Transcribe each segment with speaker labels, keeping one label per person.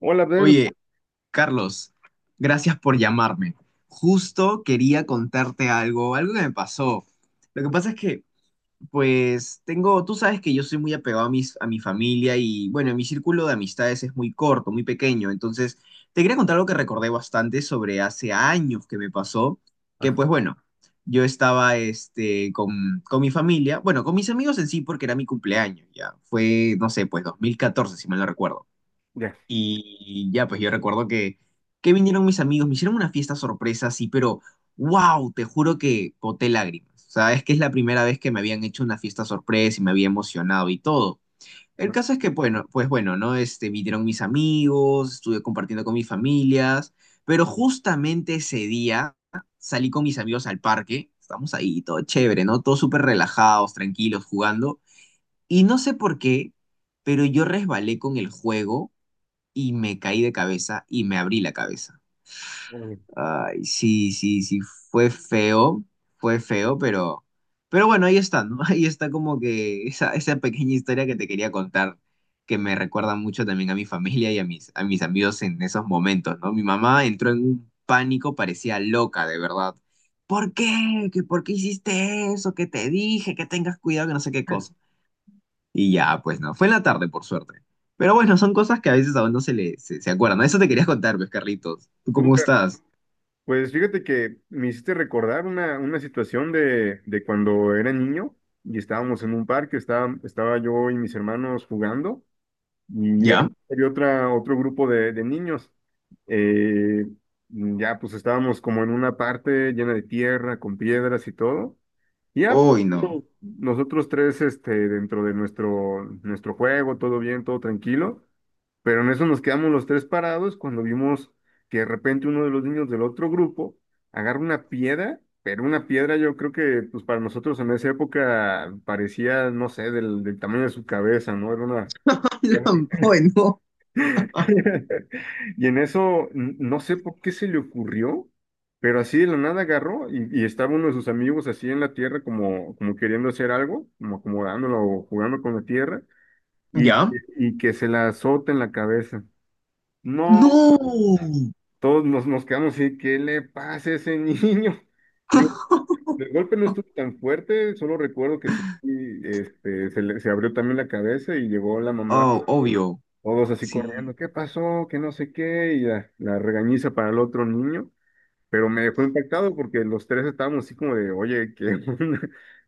Speaker 1: Hola, Abdel.
Speaker 2: Oye, Carlos, gracias por llamarme. Justo quería contarte algo que me pasó. Lo que pasa es que, pues, tengo, tú sabes que yo soy muy apegado a mi familia y, bueno, mi círculo de amistades es muy corto, muy pequeño. Entonces, te quería contar algo que recordé bastante sobre hace años que me pasó, que, pues, bueno, yo estaba, con, mi familia, bueno, con mis amigos en sí, porque era mi cumpleaños, ya. Fue, no sé, pues, 2014 si mal no recuerdo.
Speaker 1: Ya.
Speaker 2: Y ya, pues yo recuerdo que vinieron mis amigos, me hicieron una fiesta sorpresa, sí, pero wow, te juro que boté lágrimas. O sea, es que es la primera vez que me habían hecho una fiesta sorpresa y me había emocionado y todo. El
Speaker 1: Ah,
Speaker 2: caso es que, bueno, pues bueno, ¿no? Vinieron mis amigos, estuve compartiendo con mis familias, pero justamente ese día salí con mis amigos al parque, estamos ahí, todo chévere, ¿no? Todos súper relajados, tranquilos, jugando. Y no sé por qué, pero yo resbalé con el juego y me caí de cabeza y me abrí la cabeza.
Speaker 1: hola, bien.
Speaker 2: Ay, sí, sí, sí, fue feo, fue feo, pero, bueno, ahí está, ¿no? Ahí está como que esa pequeña historia que te quería contar, que me recuerda mucho también a mi familia y a mis amigos en esos momentos, ¿no? Mi mamá entró en un pánico, parecía loca, de verdad. ¿Por qué? ¿Que por qué hiciste eso? ¿Que te dije? Que tengas cuidado, que no sé qué cosa. Y ya, pues no, fue en la tarde, por suerte. Pero bueno, son cosas que a veces a uno se le se, acuerdan. Eso te quería contar, pues, Carlitos. ¿Tú cómo
Speaker 1: Súper.
Speaker 2: estás?
Speaker 1: Pues fíjate que me hiciste recordar una situación de cuando era niño y estábamos en un parque, estaba yo y mis hermanos jugando y
Speaker 2: ¿Ya?
Speaker 1: había otro grupo de niños. Eh, ya pues estábamos como en una parte llena de tierra, con piedras y todo. Y ya
Speaker 2: Hoy no.
Speaker 1: pues, nosotros tres este, dentro de nuestro juego, todo bien, todo tranquilo. Pero en eso nos quedamos los tres parados cuando vimos que de repente uno de los niños del otro grupo agarra una piedra, pero una piedra yo creo que pues para nosotros en esa época parecía, no sé, del tamaño de su cabeza, ¿no? Era una...
Speaker 2: Hoy no.
Speaker 1: Y en eso, no sé por qué se le ocurrió, pero así de la nada agarró y estaba uno de sus amigos así en la tierra como, como queriendo hacer algo, como acomodándolo o jugando con la tierra y,
Speaker 2: ¿Ya?
Speaker 1: y que se la azota en la cabeza. No,
Speaker 2: ¡No!
Speaker 1: todos nos quedamos así, ¿qué le pasa a ese niño? Digo, el golpe no estuvo tan fuerte, solo recuerdo que sí, este, se abrió también la cabeza y llegó la mamá,
Speaker 2: Oh, obvio.
Speaker 1: todos así
Speaker 2: Sí.
Speaker 1: corriendo, ¿qué pasó? Que no sé qué, la regañiza para el otro niño, pero me dejó impactado porque los tres estábamos así como de, oye, ¿qué onda?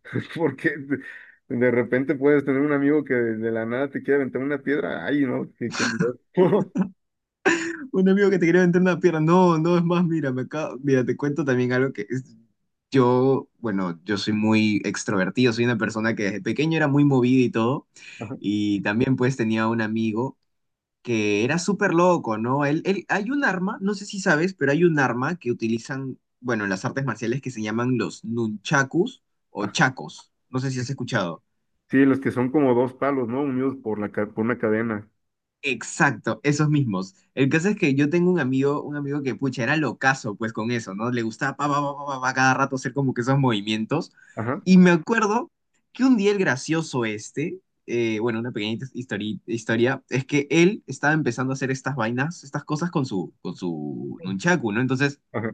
Speaker 1: Porque de repente puedes tener un amigo que de la nada te quiere aventar una piedra, ay, no, qué, qué miedo.
Speaker 2: Un amigo que te quería vender una pierna. No, no, es más, mira, mira, te cuento también algo que es. Yo soy muy extrovertido, soy una persona que desde pequeño era muy movida y todo.
Speaker 1: Ajá,
Speaker 2: Y también pues tenía un amigo que era súper loco, ¿no? Hay un arma, no sé si sabes, pero hay un arma que utilizan, bueno, en las artes marciales que se llaman los nunchakus o
Speaker 1: ajá.
Speaker 2: chacos. No sé si has escuchado.
Speaker 1: Sí, los que son como dos palos, ¿no? Unidos por por una cadena.
Speaker 2: Exacto, esos mismos. El caso es que yo tengo un amigo que, pucha, era locazo, pues, con eso, ¿no? Le gustaba pa, pa, pa, pa, pa, pa, cada rato hacer como que esos movimientos.
Speaker 1: Ajá,
Speaker 2: Y me acuerdo que un día el gracioso este, bueno, una pequeñita historia, es que él estaba empezando a hacer estas vainas, estas cosas con su, nunchaku, ¿no? Entonces,
Speaker 1: ajá,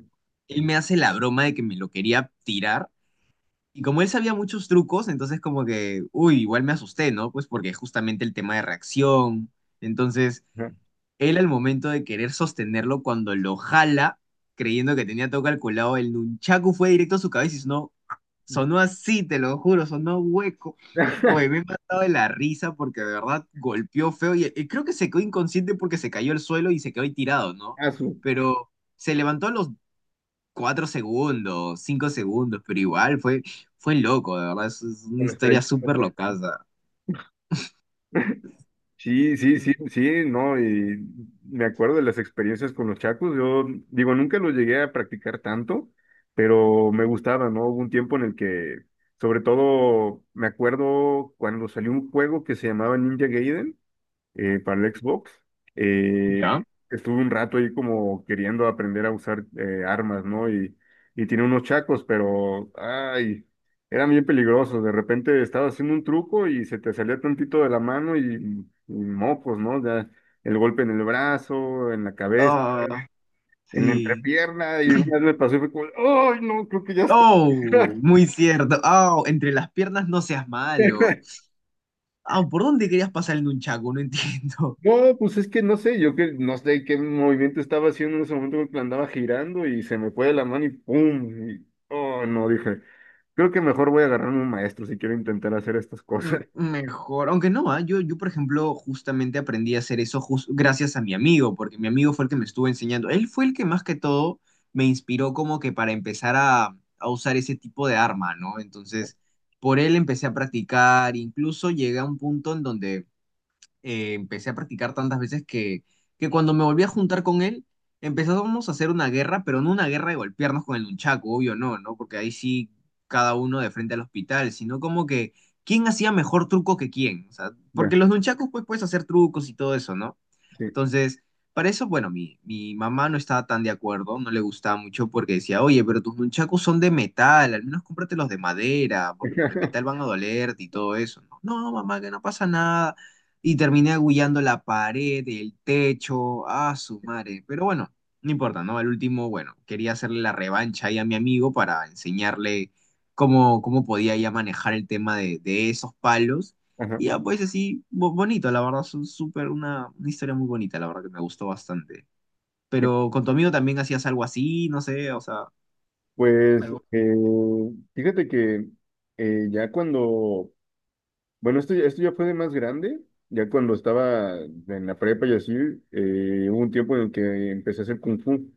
Speaker 2: él me hace la broma de que me lo quería tirar. Y como él sabía muchos trucos, entonces como que, uy, igual me asusté, ¿no? Pues porque justamente el tema de reacción. Entonces,
Speaker 1: ajá.
Speaker 2: él al momento de querer sostenerlo, cuando lo jala, creyendo que tenía todo calculado, el nunchaku fue directo a su cabeza y sonó, sonó así, te lo juro, sonó hueco. Oye, me he matado de la risa porque de verdad golpeó feo y, creo que se quedó inconsciente porque se cayó al suelo y se quedó ahí tirado, ¿no?
Speaker 1: Azul,
Speaker 2: Pero se levantó a los cuatro segundos, cinco segundos, pero igual fue, loco, de verdad, es una
Speaker 1: con
Speaker 2: historia
Speaker 1: estrellitas,
Speaker 2: súper
Speaker 1: ¿no?
Speaker 2: locaza.
Speaker 1: Sí, sí, sí, sí, no, y me acuerdo de las experiencias con los chacos. Yo digo, nunca los llegué a practicar tanto, pero me gustaba, ¿no? Hubo un tiempo en el que, sobre todo, me acuerdo cuando salió un juego que se llamaba Ninja Gaiden. Para el Xbox. Eh,
Speaker 2: ¿Ya?
Speaker 1: Estuve un rato ahí como queriendo aprender a usar armas, ¿no? Y tiene unos chacos, pero, ay, eran bien peligrosos. De repente estaba haciendo un truco y se te salía tantito de la mano y mocos, ¿no? Ya el golpe en el brazo, en la cabeza,
Speaker 2: Ah,
Speaker 1: en la
Speaker 2: sí.
Speaker 1: entrepierna, y una vez me pasó y fue como, ay, no, creo que ya está.
Speaker 2: Oh, muy cierto. Oh, entre las piernas no seas malo. Ah, ¿por dónde querías pasar el un chaco? No entiendo.
Speaker 1: No, pues es que no sé, yo que no sé qué movimiento estaba haciendo en ese momento porque la andaba girando y se me fue de la mano y ¡pum! Y, oh, no, dije, creo que mejor voy a agarrarme un maestro si quiero intentar hacer estas cosas.
Speaker 2: Mm, mejor, aunque no, yo, por ejemplo, justamente aprendí a hacer eso gracias a mi amigo, porque mi amigo fue el que me estuvo enseñando. Él fue el que más que todo me inspiró como que para empezar a, usar ese tipo de arma, ¿no? Entonces, por él empecé a practicar, incluso llegué a un punto en donde empecé a practicar tantas veces que cuando me volví a juntar con él, empezamos a hacer una guerra, pero no una guerra de golpearnos con el nunchaku, obvio no, ¿no? Porque ahí sí cada uno de frente al hospital, sino como que quién hacía mejor truco que quién, o sea,
Speaker 1: Ya,
Speaker 2: porque los nunchakus pues puedes hacer trucos y todo eso, ¿no?
Speaker 1: sí.
Speaker 2: Entonces, para eso, bueno, mi mamá no estaba tan de acuerdo, no le gustaba mucho porque decía, oye, pero tus nunchakus son de metal, al menos cómprate los de madera, porque los de metal van a dolerte y todo eso. No, no, mamá, que no pasa nada. Y terminé agullando la pared, el techo, a su madre. Pero bueno, no importa, ¿no? Al último, bueno, quería hacerle la revancha ahí a mi amigo para enseñarle cómo, podía ya manejar el tema de esos palos.
Speaker 1: Ajá,
Speaker 2: Y ya, pues así, bonito, la verdad, son súper una historia muy bonita, la verdad que me gustó bastante.
Speaker 1: sí.
Speaker 2: Pero con tu amigo también hacías algo así, no sé, o sea,
Speaker 1: Pues
Speaker 2: algo.
Speaker 1: fíjate que ya cuando, bueno, esto, esto ya fue de más grande, ya cuando estaba en la prepa y así, hubo un tiempo en el que empecé a hacer kung fu.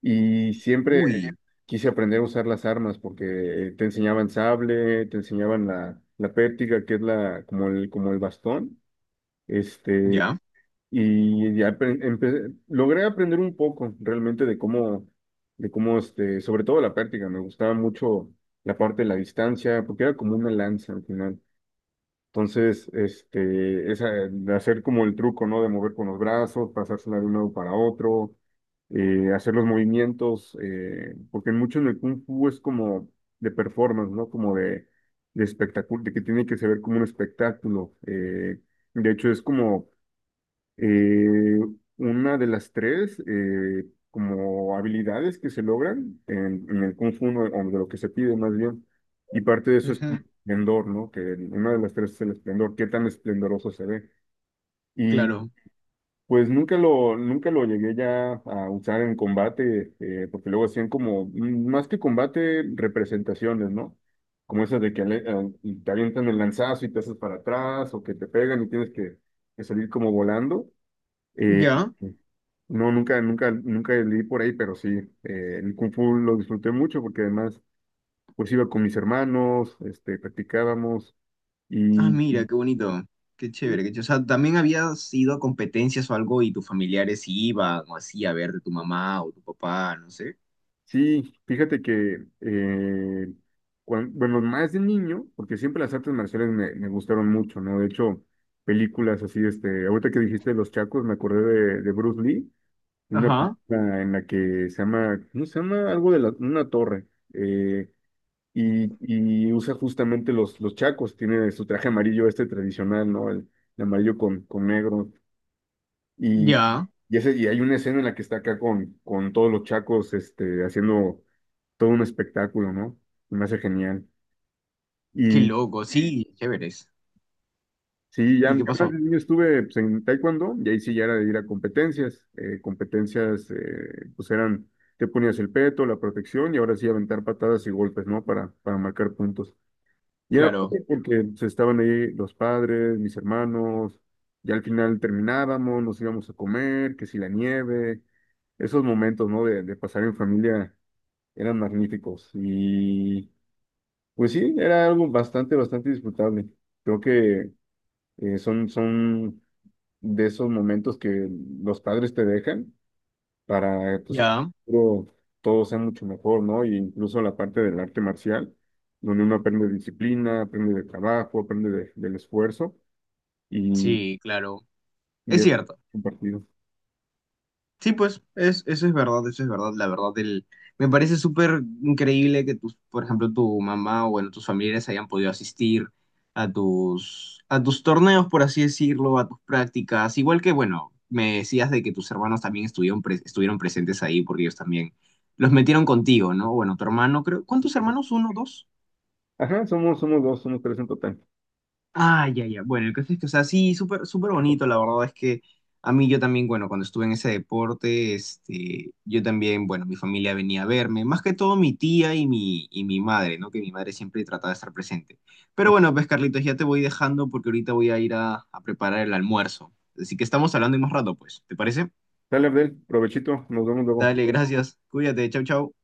Speaker 1: Y siempre
Speaker 2: Uy,
Speaker 1: quise aprender a usar las armas porque te enseñaban sable, te enseñaban la pértiga, que es la, como el bastón. Este,
Speaker 2: ya,
Speaker 1: y ya logré aprender un poco realmente de cómo, este, sobre todo la pértiga, me gustaba mucho la parte de la distancia, porque era como una lanza al final. Entonces, este, esa, de hacer como el truco, ¿no? De mover con los brazos, pasársela de un lado para otro, hacer los movimientos, porque mucho en el Kung Fu es como de performance, ¿no? Como de espectáculo, de que tiene que se ver como un espectáculo. De hecho, es como eh, una de las tres, como habilidades que se logran en el Kung Fu, ¿no? O de lo que se pide más bien, y parte de eso es
Speaker 2: ujú,
Speaker 1: como esplendor, ¿no? Que una de las tres es el esplendor, qué tan esplendoroso se ve. Y
Speaker 2: claro,
Speaker 1: pues nunca lo, nunca lo llegué ya a usar en combate, porque luego hacían como, mm, más que combate, representaciones, ¿no? Como esas de que te avientan el lanzazo y te haces para atrás, o que te pegan y tienes que salir como volando. Eh,
Speaker 2: ya.
Speaker 1: no, nunca, nunca, nunca leí por ahí, pero sí, el Kung Fu lo disfruté mucho porque además, pues iba con mis hermanos, este, practicábamos
Speaker 2: Ah, mira,
Speaker 1: y
Speaker 2: qué bonito, qué
Speaker 1: sí,
Speaker 2: chévere, qué chévere. O sea, ¿también habías ido a competencias o algo y tus familiares iban o así a ver de tu mamá o tu papá, no sé?
Speaker 1: sí, fíjate que, bueno, más de niño, porque siempre las artes marciales me gustaron mucho, ¿no? De hecho, películas así, este, ahorita que dijiste Los Chacos, me acordé de Bruce Lee, una
Speaker 2: Ajá,
Speaker 1: película en la que se llama, ¿cómo se llama? Algo de la, una torre. Eh, y, y usa justamente los chacos, tiene su traje amarillo este tradicional, ¿no? El amarillo con negro. Y,
Speaker 2: ya,
Speaker 1: y, ese, y hay una escena en la que está acá con todos los chacos este, haciendo todo un espectáculo, ¿no? Y me hace genial.
Speaker 2: qué
Speaker 1: Y
Speaker 2: loco, sí, chéveres.
Speaker 1: sí, ya,
Speaker 2: ¿Y
Speaker 1: ya
Speaker 2: qué
Speaker 1: más
Speaker 2: pasó?
Speaker 1: de niño estuve pues, en taekwondo y ahí sí ya era de ir a competencias. Competencias pues eran, te ponías el peto, la protección y ahora sí aventar patadas y golpes, ¿no? Para marcar puntos. Y era
Speaker 2: Claro,
Speaker 1: fácil porque pues, estaban ahí los padres, mis hermanos, y al final terminábamos, nos íbamos a comer, que si la nieve, esos momentos, ¿no? De pasar en familia eran magníficos. Y pues sí, era algo bastante, bastante disfrutable. Creo que son, son de esos momentos que los padres te dejan para pues, que en
Speaker 2: ya,
Speaker 1: el futuro todo sea mucho mejor, ¿no? Y incluso la parte del arte marcial, donde uno aprende disciplina, aprende de trabajo, del esfuerzo y,
Speaker 2: sí, claro.
Speaker 1: y
Speaker 2: Es
Speaker 1: es
Speaker 2: cierto.
Speaker 1: compartido.
Speaker 2: Sí, pues, eso es verdad, eso es verdad, la verdad, el, me parece súper increíble que tus, por ejemplo, tu mamá o bueno, tus familiares hayan podido asistir a tus torneos, por así decirlo, a tus prácticas, igual que, bueno, me decías de que tus hermanos también estuvieron, estuvieron presentes ahí porque ellos también los metieron contigo, ¿no? Bueno, tu hermano, creo, ¿cuántos hermanos? ¿Uno, dos?
Speaker 1: Ajá, somos, somos dos, somos tres en total.
Speaker 2: Ah, ya, ya. Bueno, el caso es que, o sea, sí, súper, súper bonito. La verdad es que a mí yo también, bueno, cuando estuve en ese deporte, yo también, bueno, mi familia venía a verme, más que todo mi tía y y mi madre, ¿no? Que mi madre siempre trataba de estar presente. Pero bueno, pues Carlitos, ya te voy dejando porque ahorita voy a ir a, preparar el almuerzo. Así que estamos hablando en más rato, pues. ¿Te parece?
Speaker 1: Dale, Abdel, provechito, nos vemos luego.
Speaker 2: Dale, gracias. Cuídate. Chau, chau.